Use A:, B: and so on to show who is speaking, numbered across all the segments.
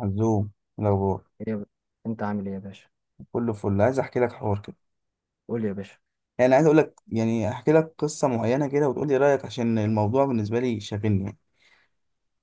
A: عزوم، لو
B: إيه يا ب- انت عامل ايه يا باشا؟
A: كله فل. عايز احكي لك حوار كده.
B: قول يا باشا.
A: يعني عايز اقول لك، يعني احكي لك قصه معينه كده وتقول لي رايك، عشان الموضوع بالنسبه لي شاغلني يعني.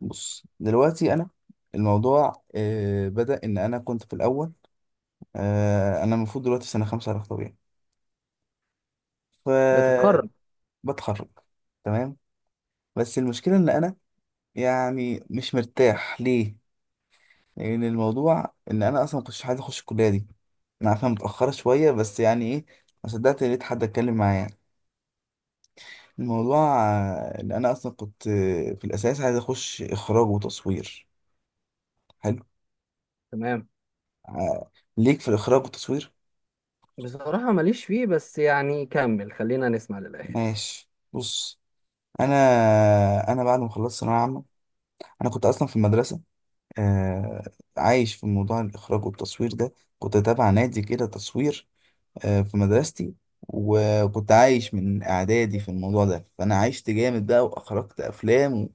A: بص دلوقتي انا الموضوع بدا ان انا كنت في الاول. انا المفروض دلوقتي في سنه 5 علاج طبيعي، فبتخرج.
B: بتتخرج.
A: تمام. بس المشكله ان انا يعني مش مرتاح ليه، لان الموضوع ان انا اصلا ما كنتش عايز اخش الكليه دي. انا عارفها متاخره شويه بس يعني ايه، ما صدقت لقيت حد اتكلم معايا. الموضوع ان انا اصلا كنت في الاساس عايز اخش اخراج وتصوير. حلو.
B: تمام.
A: آه، ليك في الاخراج والتصوير.
B: بصراحة ماليش فيه، بس يعني كمل خلينا نسمع للآخر.
A: ماشي بص. انا بعد ما خلصت ثانويه عامه، انا كنت اصلا في المدرسه، آه، عايش في موضوع الاخراج والتصوير ده. كنت تابع نادي كده تصوير في مدرستي. وكنت عايش من اعدادي في الموضوع ده، فانا عشت جامد بقى واخرجت افلام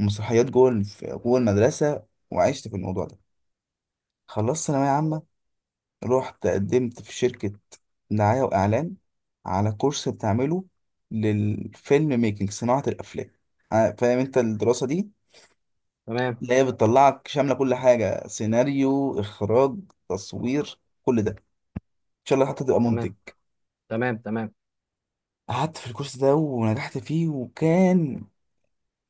A: ومسرحيات جوه جوه المدرسه، وعشت في الموضوع ده. خلصت ثانويه عامه، رحت قدمت في شركة دعاية وإعلان على كورس بتعمله للفيلم ميكنج، صناعة الأفلام. فاهم أنت الدراسة دي
B: تمام،
A: اللي هي بتطلعك شاملة كل حاجة، سيناريو، إخراج، تصوير، كل ده إن شاء الله حتى تبقى
B: تمام،
A: منتج.
B: تمام، تمام.
A: قعدت في الكورس ده ونجحت فيه، وكان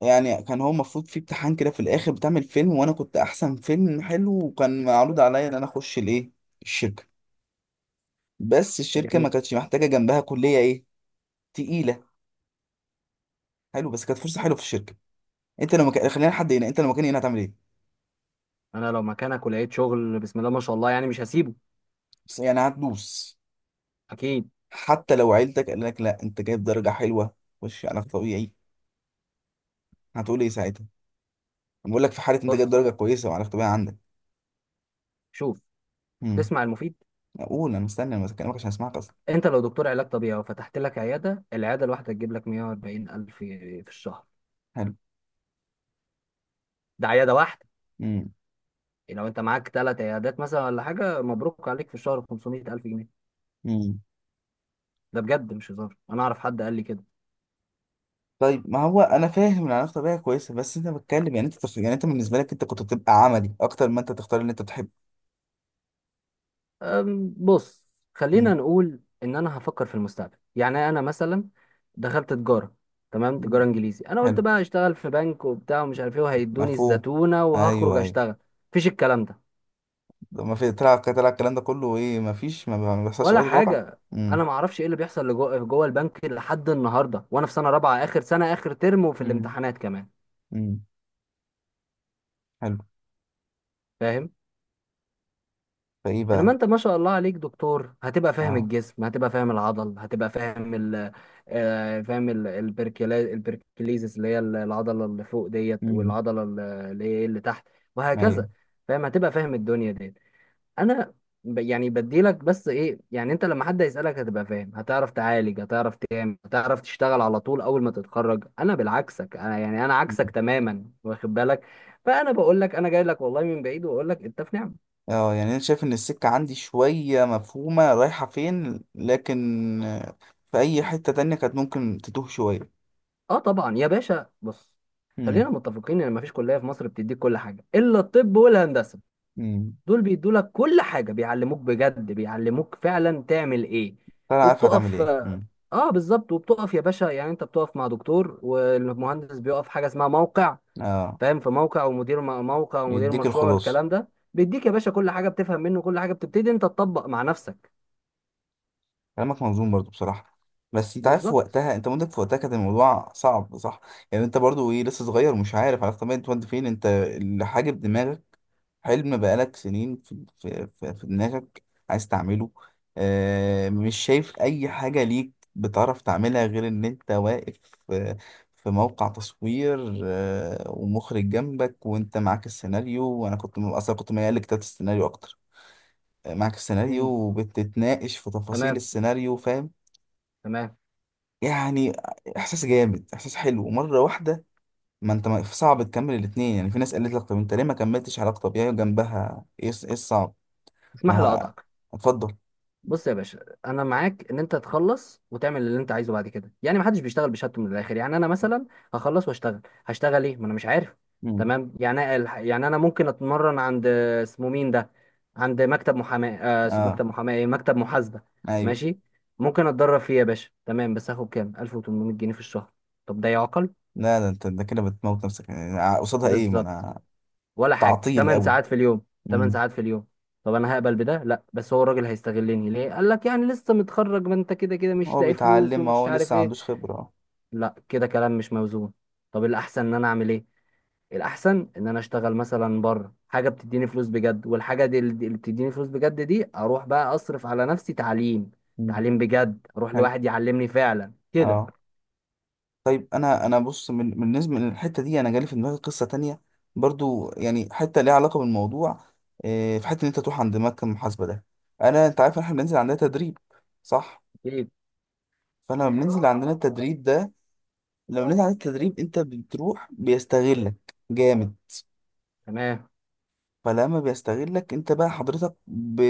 A: يعني كان هو المفروض فيه امتحان كده في الآخر بتعمل فيلم، وأنا كنت أحسن فيلم حلو، وكان معروض عليا إن أنا أخش الإيه، الشركة. بس الشركة ما
B: جميل.
A: كانتش محتاجة جنبها كلية إيه، تقيلة. حلو، بس كانت فرصه حلوه في الشركه. انت لو مكاني هنا هتعمل ايه؟
B: انا لو مكانك ولقيت شغل بسم الله ما شاء الله يعني مش هسيبه.
A: بس يعني هتدوس؟
B: اكيد.
A: حتى لو عيلتك قال لك لا، انت جايب درجه حلوه، خش علاج طبيعي، هتقول ايه ساعتها؟ أنا بقول لك، في حاله انت
B: بص،
A: جايب درجه كويسه وعلاج طبيعي عندك.
B: شوف،
A: امم.
B: تسمع المفيد.
A: اقول، انا مستني، انا بكلمك عشان اسمعك اصلا.
B: انت لو دكتور علاج طبيعي وفتحت لك عيادة، العيادة الواحدة تجيب لك 140 الف في الشهر.
A: حلو.
B: ده عيادة واحدة.
A: امم.
B: لو انت معاك ثلاث عيادات مثلا ولا حاجة مبروك عليك، في الشهر 500 الف جنيه.
A: امم.
B: ده بجد مش هزار، انا اعرف حد قال لي كده.
A: طيب ما هو انا فاهم ان العلاج الطبيعي كويسه، بس انت بتكلم يعني انت يعني انت بالنسبه لك انت كنت بتبقى عملي اكتر ما انت تختار اللي انت بتحبه.
B: بص، خلينا
A: امم.
B: نقول ان انا هفكر في المستقبل، يعني انا مثلا دخلت تجاره. تمام
A: أمم.
B: تجاره انجليزي، انا
A: حلو.
B: قلت بقى هشتغل في بنك وبتاع ومش عارف ايه، وهيدوني
A: مفهوم.
B: الزتونه
A: ايوه،
B: وهخرج
A: ايوه.
B: اشتغل. مفيش الكلام ده،
A: ما في طلع، طلع الكلام ده كله ايه، ما فيش، ما بيحصلش في
B: ولا
A: ارض الواقع.
B: حاجه.
A: امم.
B: انا ما اعرفش ايه اللي بيحصل لجوه جوه البنك لحد النهارده، وانا في سنه رابعه، اخر سنه، اخر ترم، وفي
A: مم.
B: الامتحانات كمان.
A: امم. حلو.
B: فاهم.
A: فايه
B: انما
A: بقى؟
B: انت ما شاء الله عليك دكتور، هتبقى فاهم
A: اه.
B: الجسم، هتبقى فاهم العضل، هتبقى فاهم ال آه، فاهم ال- البركيليزس اللي هي العضله اللي فوق ديت،
A: امم.
B: والعضله اللي هي اللي تحت،
A: ايوه.
B: وهكذا. فاهم، هتبقى فاهم الدنيا ديت. انا يعني بديلك، بس ايه، يعني انت لما حد يسالك هتبقى فاهم، هتعرف تعالج، هتعرف تعمل، هتعرف تشتغل على طول اول ما تتخرج. انا بالعكسك، انا يعني انا
A: مم.
B: عكسك تماما، واخد بالك. فانا بقول لك انا جاي لك والله من بعيد، واقول لك انت في نعمه.
A: اه يعني انا شايف ان السكه عندي شويه مفهومه رايحه فين، لكن في اي حته تانية كانت ممكن تتوه شويه.
B: اه طبعا يا باشا، بص.
A: امم.
B: خلينا متفقين ان مفيش كليه في مصر بتديك كل حاجه الا الطب والهندسه.
A: امم.
B: دول بيدوا لك كل حاجه، بيعلموك بجد، بيعلموك فعلا تعمل ايه،
A: فانا عارف هتعمل
B: وبتقف.
A: ايه. امم.
B: اه بالظبط، وبتقف يا باشا، يعني انت بتقف مع دكتور، والمهندس بيقف حاجه اسمها موقع.
A: اه.
B: فاهم، في موقع ومدير موقع ومدير
A: يديك
B: مشروع
A: الخلاصه.
B: والكلام ده. بيديك يا باشا كل حاجه، بتفهم منه كل حاجه، بتبتدي انت تطبق مع نفسك.
A: كلامك منظوم برضو بصراحة. بس انت عارف في
B: بالظبط.
A: وقتها، انت مدرك في وقتها كان الموضوع صعب، صح؟ يعني انت برضو ايه، لسه صغير ومش عارف على طبيعة انت وانت فين، انت اللي حاجب دماغك. حلم بقالك سنين في دماغك، عايز تعمله. اه، مش شايف اي حاجة ليك بتعرف تعملها غير ان انت واقف في, في موقع تصوير، ومخرج جنبك وانت معاك السيناريو، وانا كنت اصلا كنت ميال لكتابة السيناريو اكتر. معاك السيناريو
B: مم.
A: وبتتناقش في تفاصيل
B: تمام،
A: السيناريو، فاهم.
B: تمام.
A: يعني احساس جامد، احساس حلو مره واحده. ما انت صعب تكمل الاتنين. يعني في ناس قالت لك طب انت ليه ما كملتش علاقه طبيعيه جنبها، ايه إيه الصعب؟ ما
B: اسمح لي
A: هو،
B: اقطعك.
A: اتفضل.
B: بص يا باشا، انا معاك ان انت تخلص وتعمل اللي انت عايزه بعد كده، يعني محدش بيشتغل بشهادته من الاخر، يعني انا مثلا هخلص واشتغل. هشتغل ايه؟ ما انا مش عارف.
A: مم.
B: تمام. يعني يعني انا ممكن اتمرن عند اسمه مين ده، عند مكتب محاماه.
A: اه.
B: مكتب محاماه ايه، مكتب محاسبه.
A: ايوه.
B: ماشي، ممكن اتدرب فيه يا باشا، تمام، بس هاخد كام؟ 1800 جنيه في الشهر؟ طب ده يعقل؟
A: لا، ده انت ده كده بتموت نفسك يعني، قصادها ايه، ما
B: بالظبط.
A: انا.
B: ولا حاجه،
A: تعطيل
B: 8
A: قوي.
B: ساعات في اليوم. 8
A: مم.
B: ساعات في اليوم. طب انا هقبل بده؟ لا، بس هو الراجل هيستغلني ليه؟ قال لك يعني لسه متخرج، ما انت كده كده مش
A: هو
B: لاقي فلوس
A: بيتعلم،
B: ومش
A: هو
B: عارف
A: لسه ما
B: ايه.
A: عندوش خبره.
B: لا، كده كلام مش موزون. طب الاحسن ان انا اعمل ايه؟ الاحسن ان انا اشتغل مثلا بره حاجه بتديني فلوس بجد، والحاجه دي اللي بتديني فلوس بجد، دي اروح بقى اصرف على نفسي تعليم.
A: مم.
B: تعليم بجد، اروح
A: حلو.
B: لواحد يعلمني فعلا كده.
A: اه. طيب انا بص من بالنسبه للحته دي، انا جالي في دماغي قصه تانية، برضو يعني حته ليها علاقه بالموضوع. إيه، في حته ان انت تروح عند مكتب المحاسبه ده. انا انت عارف إن احنا بننزل عندنا تدريب، صح؟
B: اكيد.
A: فانا لما بننزل عندنا التدريب ده، لما بننزل عندنا التدريب انت بتروح بيستغلك جامد.
B: تمام.
A: فلما بيستغلك انت بقى حضرتك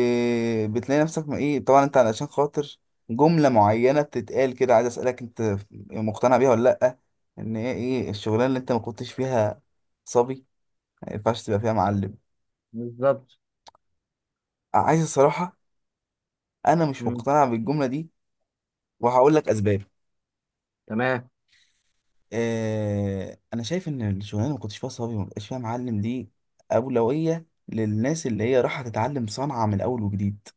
A: بتلاقي نفسك، ما ايه طبعا انت علشان خاطر جملة معينة بتتقال كده، عايز اسألك انت مقتنع بيها ولا لأ؟ ان هي ايه الشغلانة اللي انت ما كنتش فيها صبي ما ينفعش تبقى فيها معلم؟
B: بالظبط.
A: عايز الصراحة؟ انا مش
B: مم.
A: مقتنع بالجملة دي، وهقول لك اسباب.
B: تمام.
A: اه، انا شايف ان الشغلانة اللي ما كنتش فيها صبي وما بقاش فيها معلم دي، اولوية للناس اللي هي رايحة تتعلم صنعة من اول وجديد.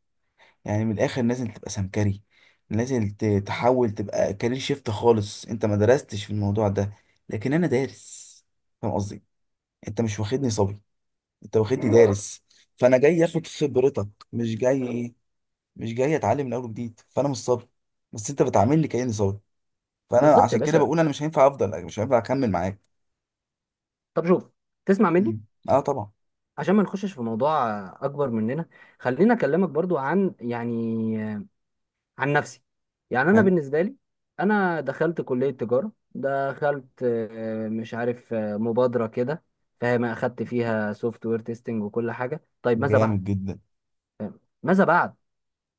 A: يعني من الاخر لازم تبقى سمكري، لازم تحاول تبقى كارير شيفت خالص، انت ما درستش في الموضوع ده، لكن انا دارس. فاهم قصدي؟ انت مش واخدني صبي، انت واخدني دارس. فانا جاي اخد خبرتك، مش جاي ايه، مش جاي اتعلم من اول وجديد، فانا مش صبي، بس انت بتعاملني كاني صبي. فانا
B: بالظبط يا
A: عشان كده
B: باشا،
A: بقول انا مش هينفع افضل، مش هينفع اكمل معاك.
B: طب شوف، تسمع مني
A: مم. اه طبعا.
B: عشان ما نخشش في موضوع اكبر مننا. خلينا اكلمك برضو عن، يعني، عن نفسي. يعني انا
A: حلو.
B: بالنسبه لي، انا دخلت كليه تجاره، دخلت مش عارف مبادره كده. فاهم، اخدت فيها سوفت وير تيستنج وكل حاجه، طيب ماذا بعد؟
A: جامد جدا.
B: ماذا بعد؟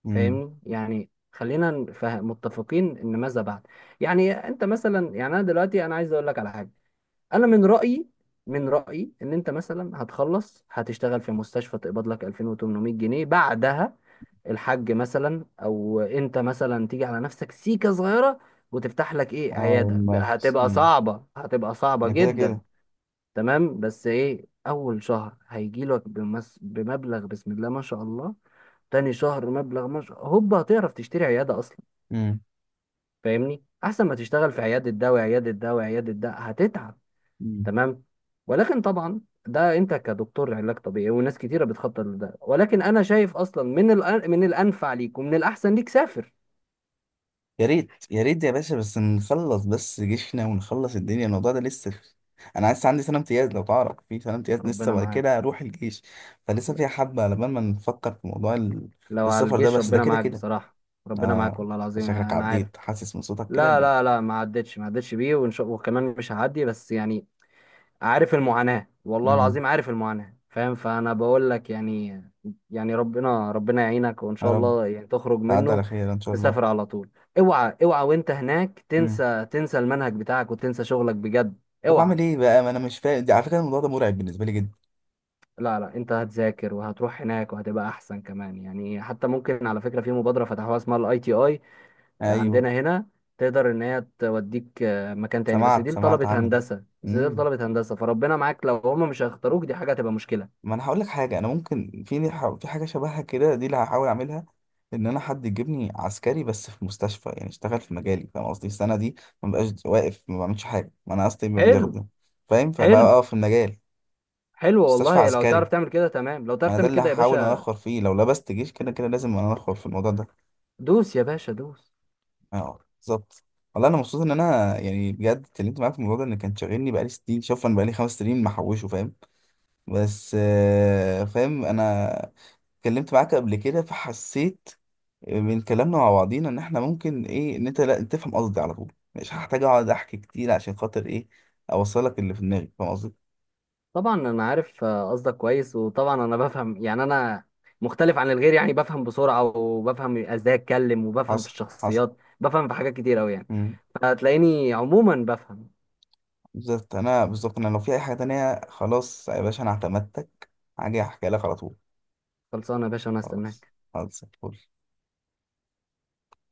A: امم.
B: فاهمني، يعني خلينا متفقين ان ماذا بعد. يعني انت مثلا، يعني انا دلوقتي، انا عايز اقول لك على حاجه. انا من رايي، من رايي ان انت مثلا هتخلص، هتشتغل في مستشفى تقبض لك 2800 جنيه بعدها الحاج مثلا، او انت مثلا تيجي على نفسك سيكه صغيره، وتفتح لك ايه
A: اه.
B: عياده،
A: المركز.
B: هتبقى
A: امم.
B: صعبه، هتبقى صعبه
A: ده كده
B: جدا.
A: كده.
B: تمام، بس ايه اول شهر هيجي لك بمبلغ بسم الله ما شاء الله. تاني شهر مبلغ ما شاء، هوبا هتعرف تشتري عياده اصلا. فاهمني، احسن ما تشتغل في عياده ده وعياده ده وعياده ده، هتتعب.
A: امم.
B: تمام. ولكن طبعا، ده انت كدكتور علاج طبيعي، وناس كتيره بتخطط لده، ولكن انا شايف اصلا من الانفع ليك ومن الاحسن ليك سافر.
A: يا ريت يا ريت يا باشا، بس نخلص بس جيشنا ونخلص الدنيا. الموضوع ده لسه انا لسه عندي سنه امتياز، لو تعرف، في سنه امتياز لسه
B: ربنا
A: بعد
B: معاك.
A: كده اروح الجيش. فلسه
B: لا،
A: فيها حبه على بال ما نفكر في موضوع
B: لو على
A: السفر ده،
B: الجيش
A: بس ده
B: ربنا
A: كده
B: معاك
A: كده.
B: بصراحه. ربنا معاك
A: اه،
B: والله العظيم،
A: شكلك
B: انا عارف.
A: عديت، حاسس من صوتك كده
B: لا، لا، لا، ما عدتش بيه، وان شاء وكمان مش هعدي، بس يعني عارف المعاناة، والله
A: امم.
B: العظيم عارف المعاناة، فاهم، فأنا بقول لك يعني، يعني ربنا يعينك، وإن
A: يا
B: شاء
A: رب،
B: الله يعني تخرج
A: تعدي
B: منه.
A: على خير ان شاء الله.
B: تسافر على طول. اوعى، اوعى، وانت هناك
A: امم.
B: تنسى المنهج بتاعك وتنسى شغلك بجد.
A: طب اعمل
B: اوعى.
A: ايه بقى؟ ما انا مش فاهم، دي على فكره الموضوع ده مرعب بالنسبه لي جدا.
B: لا، لا، انت هتذاكر وهتروح هناك وهتبقى احسن كمان، يعني حتى ممكن، على فكرة، في مبادرة فتحوها اسمها الـ ITI
A: ايوه،
B: عندنا هنا. تقدر ان هي توديك مكان تاني، بس
A: سمعت،
B: دي
A: سمعت
B: لطلبة
A: عنه.
B: هندسة، بس دي
A: امم.
B: لطلبة هندسة، فربنا معاك لو هم مش هيختاروك، دي حاجة هتبقى مشكلة.
A: ما انا هقول لك حاجه، انا ممكن في، في حاجه شبهها كده دي اللي هحاول اعملها. ان انا حد يجيبني عسكري بس في مستشفى، يعني اشتغل في مجالي، فاهم قصدي؟ السنه دي ما بقاش واقف، ما بعملش حاجه، ما انا اصلي ما
B: حلو.
A: بيخدم، فاهم،
B: حلو،
A: فبقى اقف في المجال.
B: حلو،
A: مستشفى
B: والله لو
A: عسكري.
B: تعرف تعمل كده تمام، لو
A: ما
B: تعرف
A: انا ده
B: تعمل
A: اللي
B: كده يا
A: هحاول
B: باشا.
A: انخر فيه، لو لبست جيش كده كده لازم انا انخر في الموضوع ده.
B: دوس يا باشا دوس.
A: اه، بالظبط. والله انا مبسوط ان انا يعني بجد اتكلمت معاك في الموضوع ده، ان كان شاغلني بقالي سنين، شوف انا بقالي 5 سنين محوشه، فاهم. بس فاهم انا، اتكلمت معاك قبل كده فحسيت من كلامنا مع بعضينا ان احنا ممكن ايه، ان انت لا تفهم قصدي على طول، مش هحتاج اقعد احكي كتير، عشان خاطر ايه، اوصلك اللي في دماغي، فاهم قصدي.
B: طبعا انا عارف قصدك كويس، وطبعا انا بفهم، يعني انا مختلف عن الغير، يعني بفهم بسرعة، وبفهم ازاي اتكلم، وبفهم في
A: حصل، حصل.
B: الشخصيات، بفهم في حاجات كتير اوي يعني.
A: امم.
B: فتلاقيني عموما بفهم.
A: بالظبط انا، لو في اي حاجه تانية، خلاص يا باشا انا اعتمدتك، هاجي احكي لك على طول.
B: خلصانه يا باشا، انا
A: خلاص،
B: هستناك.
A: خلاص فل.